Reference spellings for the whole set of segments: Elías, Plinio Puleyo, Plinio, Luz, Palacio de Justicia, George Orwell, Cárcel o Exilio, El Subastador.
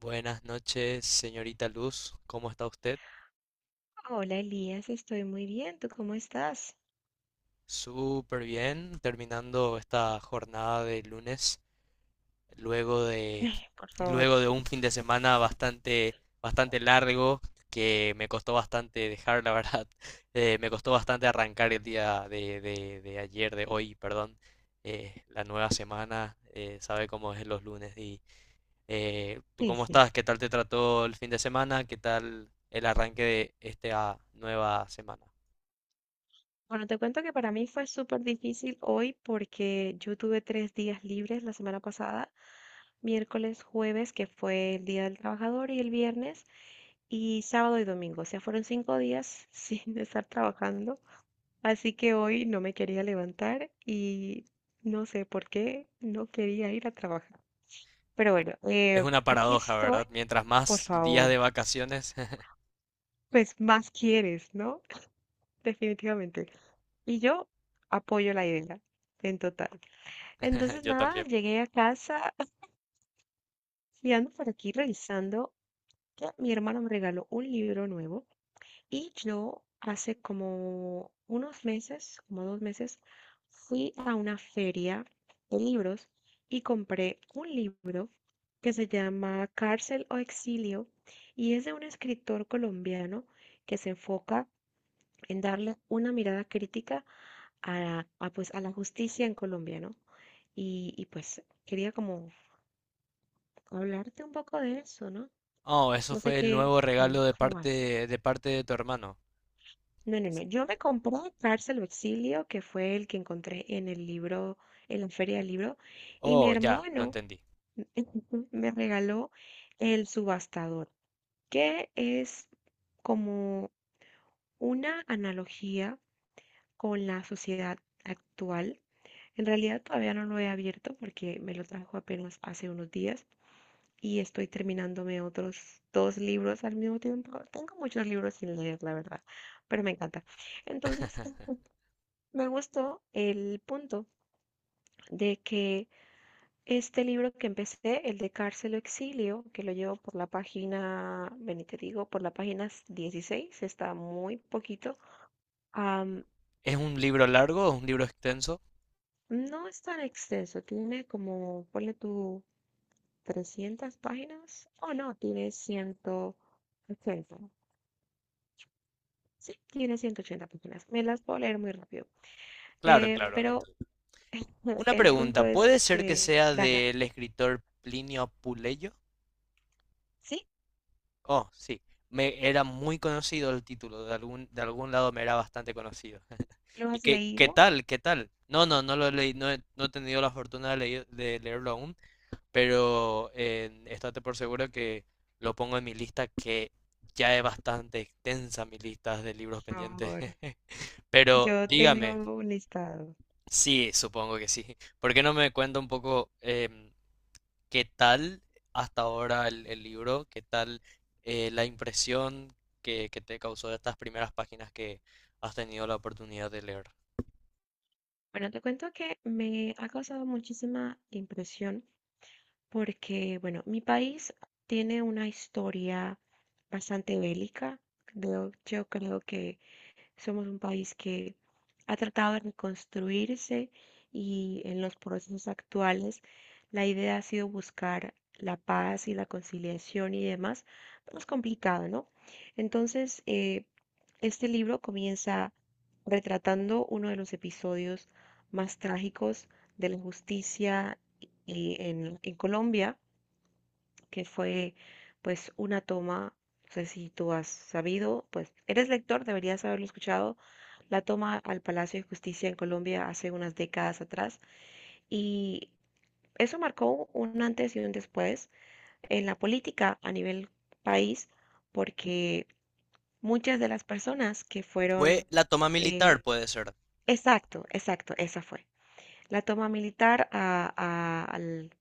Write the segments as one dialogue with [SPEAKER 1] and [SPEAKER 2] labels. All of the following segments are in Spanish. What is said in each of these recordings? [SPEAKER 1] Buenas noches, señorita Luz. ¿Cómo está usted?
[SPEAKER 2] Hola Elías, estoy muy bien. ¿Tú cómo estás?
[SPEAKER 1] Súper bien, terminando esta jornada de lunes, luego de,
[SPEAKER 2] Ay, por favor,
[SPEAKER 1] luego de un fin de semana bastante largo, que me costó bastante dejar, la verdad. Me costó bastante arrancar el día de ayer, de hoy, perdón. La nueva semana, sabe cómo es los lunes. Y ¿tú cómo
[SPEAKER 2] difícil.
[SPEAKER 1] estás? ¿Qué tal te trató el fin de semana? ¿Qué tal el arranque de esta nueva semana?
[SPEAKER 2] Bueno, te cuento que para mí fue súper difícil hoy porque yo tuve 3 días libres la semana pasada, miércoles, jueves, que fue el Día del Trabajador, y el viernes, y sábado y domingo. O sea, fueron 5 días sin estar trabajando. Así que hoy no me quería levantar y no sé por qué no quería ir a trabajar. Pero bueno,
[SPEAKER 1] Es una
[SPEAKER 2] aquí
[SPEAKER 1] paradoja,
[SPEAKER 2] estoy,
[SPEAKER 1] ¿verdad? Mientras
[SPEAKER 2] por
[SPEAKER 1] más días
[SPEAKER 2] favor.
[SPEAKER 1] de vacaciones,
[SPEAKER 2] Pues más quieres, ¿no? Definitivamente. Y yo apoyo la idea en total. Entonces,
[SPEAKER 1] yo
[SPEAKER 2] nada,
[SPEAKER 1] también.
[SPEAKER 2] llegué a casa y ando por aquí revisando que mi hermana me regaló un libro nuevo y yo hace como unos meses, como 2 meses, fui a una feria de libros y compré un libro que se llama Cárcel o Exilio y es de un escritor colombiano que se enfoca en darle una mirada crítica pues, a la justicia en Colombia, ¿no? Y pues quería como hablarte un poco de eso, ¿no?
[SPEAKER 1] Oh, eso
[SPEAKER 2] No sé
[SPEAKER 1] fue el
[SPEAKER 2] qué,
[SPEAKER 1] nuevo regalo de
[SPEAKER 2] cómo vas.
[SPEAKER 1] parte de parte de tu hermano.
[SPEAKER 2] No, no, no. Yo me compré Cárcel o Exilio, que fue el que encontré en el libro, en la feria del libro, y mi
[SPEAKER 1] Oh, ya, lo
[SPEAKER 2] hermano
[SPEAKER 1] entendí.
[SPEAKER 2] me regaló El Subastador, que es como una analogía con la sociedad actual. En realidad todavía no lo he abierto porque me lo trajo apenas hace unos días y estoy terminándome otros dos libros al mismo tiempo. Tengo muchos libros sin leer, la verdad, pero me encanta. Entonces, me gustó el punto de que este libro que empecé, el de Cárcel o Exilio, que lo llevo por la página, ven y te digo, por la página 16, está muy poquito. am,
[SPEAKER 1] ¿Es un libro largo? ¿Es un libro extenso?
[SPEAKER 2] no es tan extenso, tiene como, ponle tu 300 páginas. Oh, no, tiene 180. Sí, tiene 180 páginas. Me las puedo leer muy rápido.
[SPEAKER 1] Claro, claro.
[SPEAKER 2] Pero
[SPEAKER 1] Una
[SPEAKER 2] el
[SPEAKER 1] pregunta,
[SPEAKER 2] punto es
[SPEAKER 1] ¿puede ser que
[SPEAKER 2] que,
[SPEAKER 1] sea
[SPEAKER 2] dale,
[SPEAKER 1] del escritor Plinio Puleyo?
[SPEAKER 2] ¿sí?
[SPEAKER 1] Oh, sí. Me era muy conocido el título, de algún lado me era bastante conocido.
[SPEAKER 2] ¿Lo
[SPEAKER 1] ¿Y
[SPEAKER 2] has
[SPEAKER 1] qué
[SPEAKER 2] leído?
[SPEAKER 1] tal? ¿Qué tal? No lo leí, no he tenido la fortuna de, de leerlo aún, pero estate por seguro que lo pongo en mi lista, que ya es bastante extensa mi lista de libros
[SPEAKER 2] Por
[SPEAKER 1] pendientes.
[SPEAKER 2] favor.
[SPEAKER 1] Pero
[SPEAKER 2] Yo tengo
[SPEAKER 1] dígame,
[SPEAKER 2] un listado.
[SPEAKER 1] sí, supongo que sí. ¿Por qué no me cuenta un poco qué tal hasta ahora el libro? ¿Qué tal la impresión que te causó estas primeras páginas que has tenido la oportunidad de leer?
[SPEAKER 2] Bueno, te cuento que me ha causado muchísima impresión porque, bueno, mi país tiene una historia bastante bélica. Yo creo que somos un país que ha tratado de reconstruirse, y en los procesos actuales la idea ha sido buscar la paz y la conciliación y demás, pero es complicado, ¿no? Entonces, este libro comienza retratando uno de los episodios más trágicos de la justicia en Colombia, que fue pues una toma. No sé si tú has sabido, pues eres lector, deberías haberlo escuchado, la toma al Palacio de Justicia en Colombia hace unas décadas atrás, y eso marcó un antes y un después en la política a nivel país porque muchas de las personas que fueron,
[SPEAKER 1] Fue la toma
[SPEAKER 2] eh,
[SPEAKER 1] militar, puede ser.
[SPEAKER 2] exacto, exacto, esa fue. La toma militar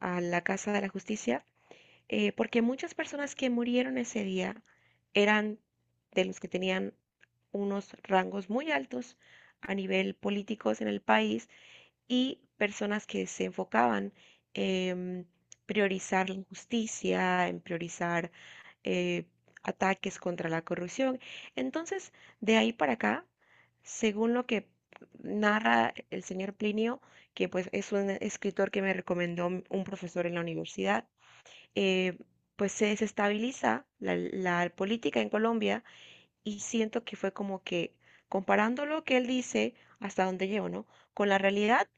[SPEAKER 2] a la Casa de la Justicia, porque muchas personas que murieron ese día eran de los que tenían unos rangos muy altos a nivel políticos en el país y personas que se enfocaban en priorizar la justicia, en priorizar, eh, ataques contra la corrupción. Entonces, de ahí para acá, según lo que narra el señor Plinio, que pues es un escritor que me recomendó un profesor en la universidad, eh, pues se desestabiliza la política en Colombia, y siento que fue como que comparando lo que él dice hasta dónde llegó, ¿no? Con la realidad,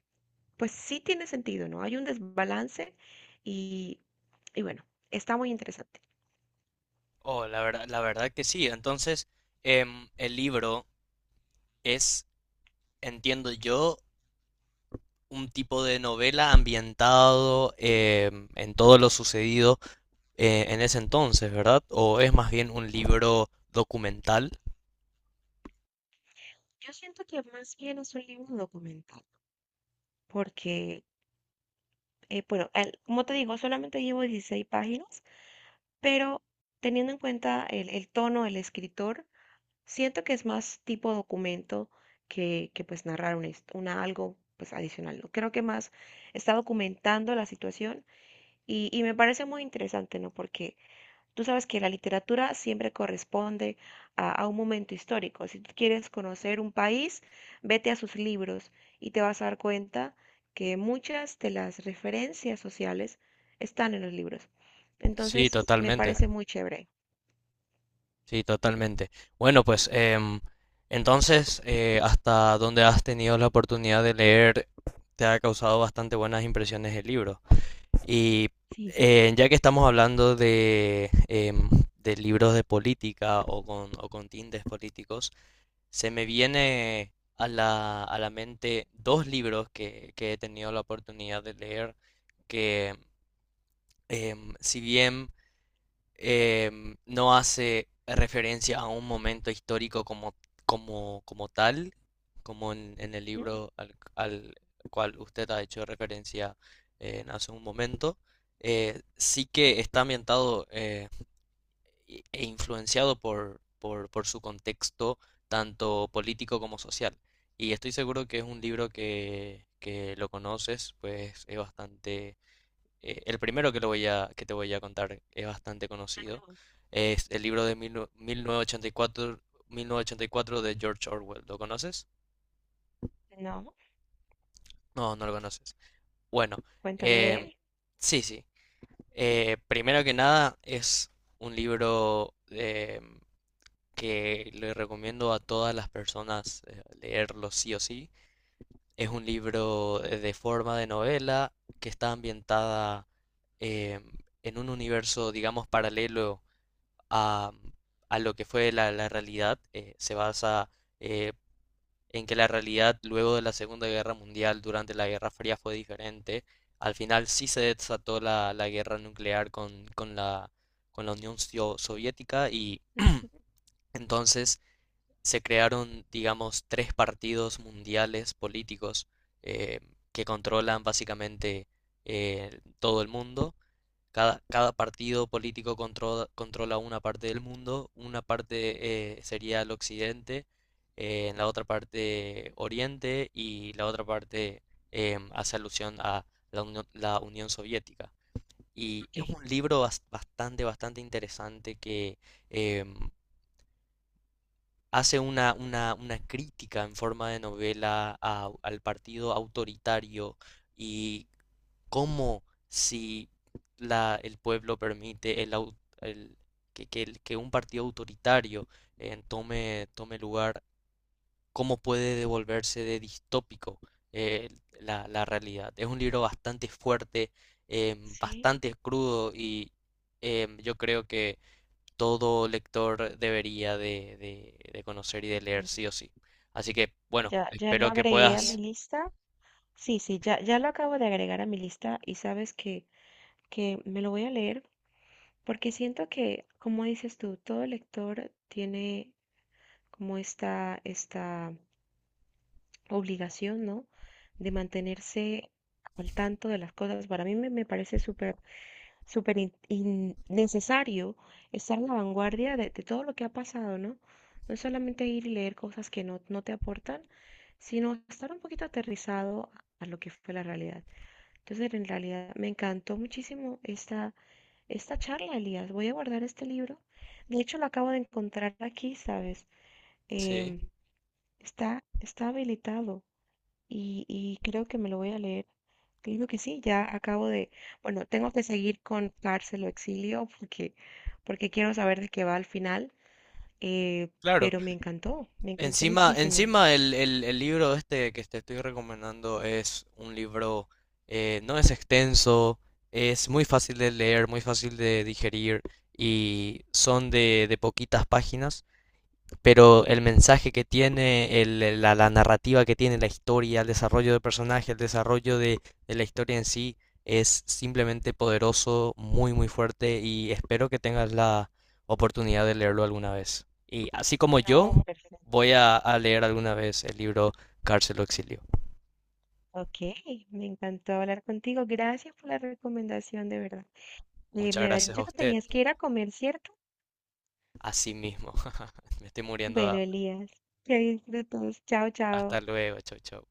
[SPEAKER 2] pues sí tiene sentido, ¿no? Hay un desbalance y, y bueno, está muy interesante.
[SPEAKER 1] Oh, la verdad que sí. Entonces, el libro es, entiendo yo, un tipo de novela ambientado en todo lo sucedido en ese entonces, ¿verdad? ¿O es más bien un libro documental?
[SPEAKER 2] Yo siento que más bien es un libro documental, porque, bueno, como te digo, solamente llevo 16 páginas, pero teniendo en cuenta el tono del escritor, siento que es más tipo documento que pues narrar una algo pues adicional, ¿no? Creo que más está documentando la situación y me parece muy interesante, ¿no? Porque tú sabes que la literatura siempre corresponde a un momento histórico. Si tú quieres conocer un país, vete a sus libros y te vas a dar cuenta que muchas de las referencias sociales están en los libros.
[SPEAKER 1] Sí,
[SPEAKER 2] Entonces, me
[SPEAKER 1] totalmente.
[SPEAKER 2] parece muy chévere.
[SPEAKER 1] Sí, totalmente. Bueno, pues entonces, ¿hasta dónde has tenido la oportunidad de leer? Te ha causado bastante buenas impresiones el libro. Y
[SPEAKER 2] Sí, sí.
[SPEAKER 1] ya que estamos hablando de, de libros de política o con tintes políticos, se me viene a a la mente dos libros que he tenido la oportunidad de leer que, si bien no hace referencia a un momento histórico como tal, como en el
[SPEAKER 2] ¿Mm?
[SPEAKER 1] libro al cual usted ha hecho referencia en hace un momento. Sí que está ambientado e influenciado por su contexto, tanto político como social. Y estoy seguro que es un libro que lo conoces, pues es bastante el primero que te voy a contar es bastante conocido.
[SPEAKER 2] No,
[SPEAKER 1] Es el libro de 1984, 1984, de George Orwell. ¿Lo conoces?
[SPEAKER 2] no,
[SPEAKER 1] No, no lo conoces. Bueno,
[SPEAKER 2] cuéntame de
[SPEAKER 1] em, Eh,
[SPEAKER 2] él.
[SPEAKER 1] sí, sí. Primero que nada, es un libro que le recomiendo a todas las personas leerlo sí o sí. Es un libro de forma de novela que está ambientada em, en un universo, digamos, paralelo a, a lo que fue la realidad, se basa eh, en que la realidad luego de la Segunda Guerra Mundial, durante la Guerra Fría, fue diferente. Al final sí se desató la guerra nuclear con la Unión Soviética y
[SPEAKER 2] Mm.
[SPEAKER 1] entonces se crearon, digamos, tres partidos mundiales políticos eh, que controlan básicamente todo el mundo. Cada partido político controla una parte del mundo, una parte sería el occidente, en la otra parte oriente y la otra parte hace alusión a la Unión Soviética. Y
[SPEAKER 2] Ok.
[SPEAKER 1] es un libro bastante interesante que em, hace una crítica en forma de novela al partido autoritario. Y ¿cómo, si el pueblo permite el- que un partido autoritario tome lugar? ¿Cómo puede devolverse de distópico eh, la realidad? Es un libro bastante fuerte,
[SPEAKER 2] Sí.
[SPEAKER 1] bastante crudo. Y yo creo que todo lector debería de conocer y de leer
[SPEAKER 2] Enten-
[SPEAKER 1] sí o sí. Así que, bueno,
[SPEAKER 2] Ya, ya lo
[SPEAKER 1] espero que
[SPEAKER 2] agregué a mi
[SPEAKER 1] puedas...
[SPEAKER 2] lista. Sí, sí, ya, ya lo acabo de agregar a mi lista, y sabes que, me lo voy a leer porque siento que, como dices tú, todo lector tiene como esta obligación, ¿no? De mantenerse al tanto de las cosas. Para mí me parece súper súper necesario estar en la vanguardia de todo lo que ha pasado, ¿no? No es solamente ir y leer cosas que no, no te aportan, sino estar un poquito aterrizado a lo que fue la realidad. Entonces, en realidad, me encantó muchísimo esta charla, Elías. Voy a guardar este libro. De hecho, lo acabo de encontrar aquí, ¿sabes?
[SPEAKER 1] Sí,
[SPEAKER 2] Em, está habilitado y creo que me lo voy a leer. Creo que sí, ya acabo de, bueno, tengo que seguir con Cárcel o Exilio porque, quiero saber de qué va al final. eh,
[SPEAKER 1] claro.
[SPEAKER 2] pero me encantó
[SPEAKER 1] Encima,
[SPEAKER 2] muchísimo.
[SPEAKER 1] encima el libro este que te estoy recomendando es un libro, no es extenso, es muy fácil de leer, muy fácil de digerir y son de poquitas páginas, pero el mensaje que tiene, la narrativa que tiene, la historia, el desarrollo de personaje, el desarrollo de la historia en sí es simplemente poderoso, muy, muy fuerte. Y espero que tengas la oportunidad de leerlo alguna vez. Y así como yo,
[SPEAKER 2] No, perfecto.
[SPEAKER 1] voy a leer alguna vez el libro Cárcel o Exilio.
[SPEAKER 2] Ok, me encantó hablar contigo. Gracias por la recomendación, de verdad.
[SPEAKER 1] Muchas
[SPEAKER 2] Me habías
[SPEAKER 1] gracias
[SPEAKER 2] dicho
[SPEAKER 1] a
[SPEAKER 2] que
[SPEAKER 1] usted.
[SPEAKER 2] tenías que ir a comer, ¿cierto?
[SPEAKER 1] Así mismo. Me estoy muriendo de
[SPEAKER 2] Bueno,
[SPEAKER 1] hambre.
[SPEAKER 2] Elías, que disfrutes. Chao, chao.
[SPEAKER 1] Hasta luego. Chau, chau.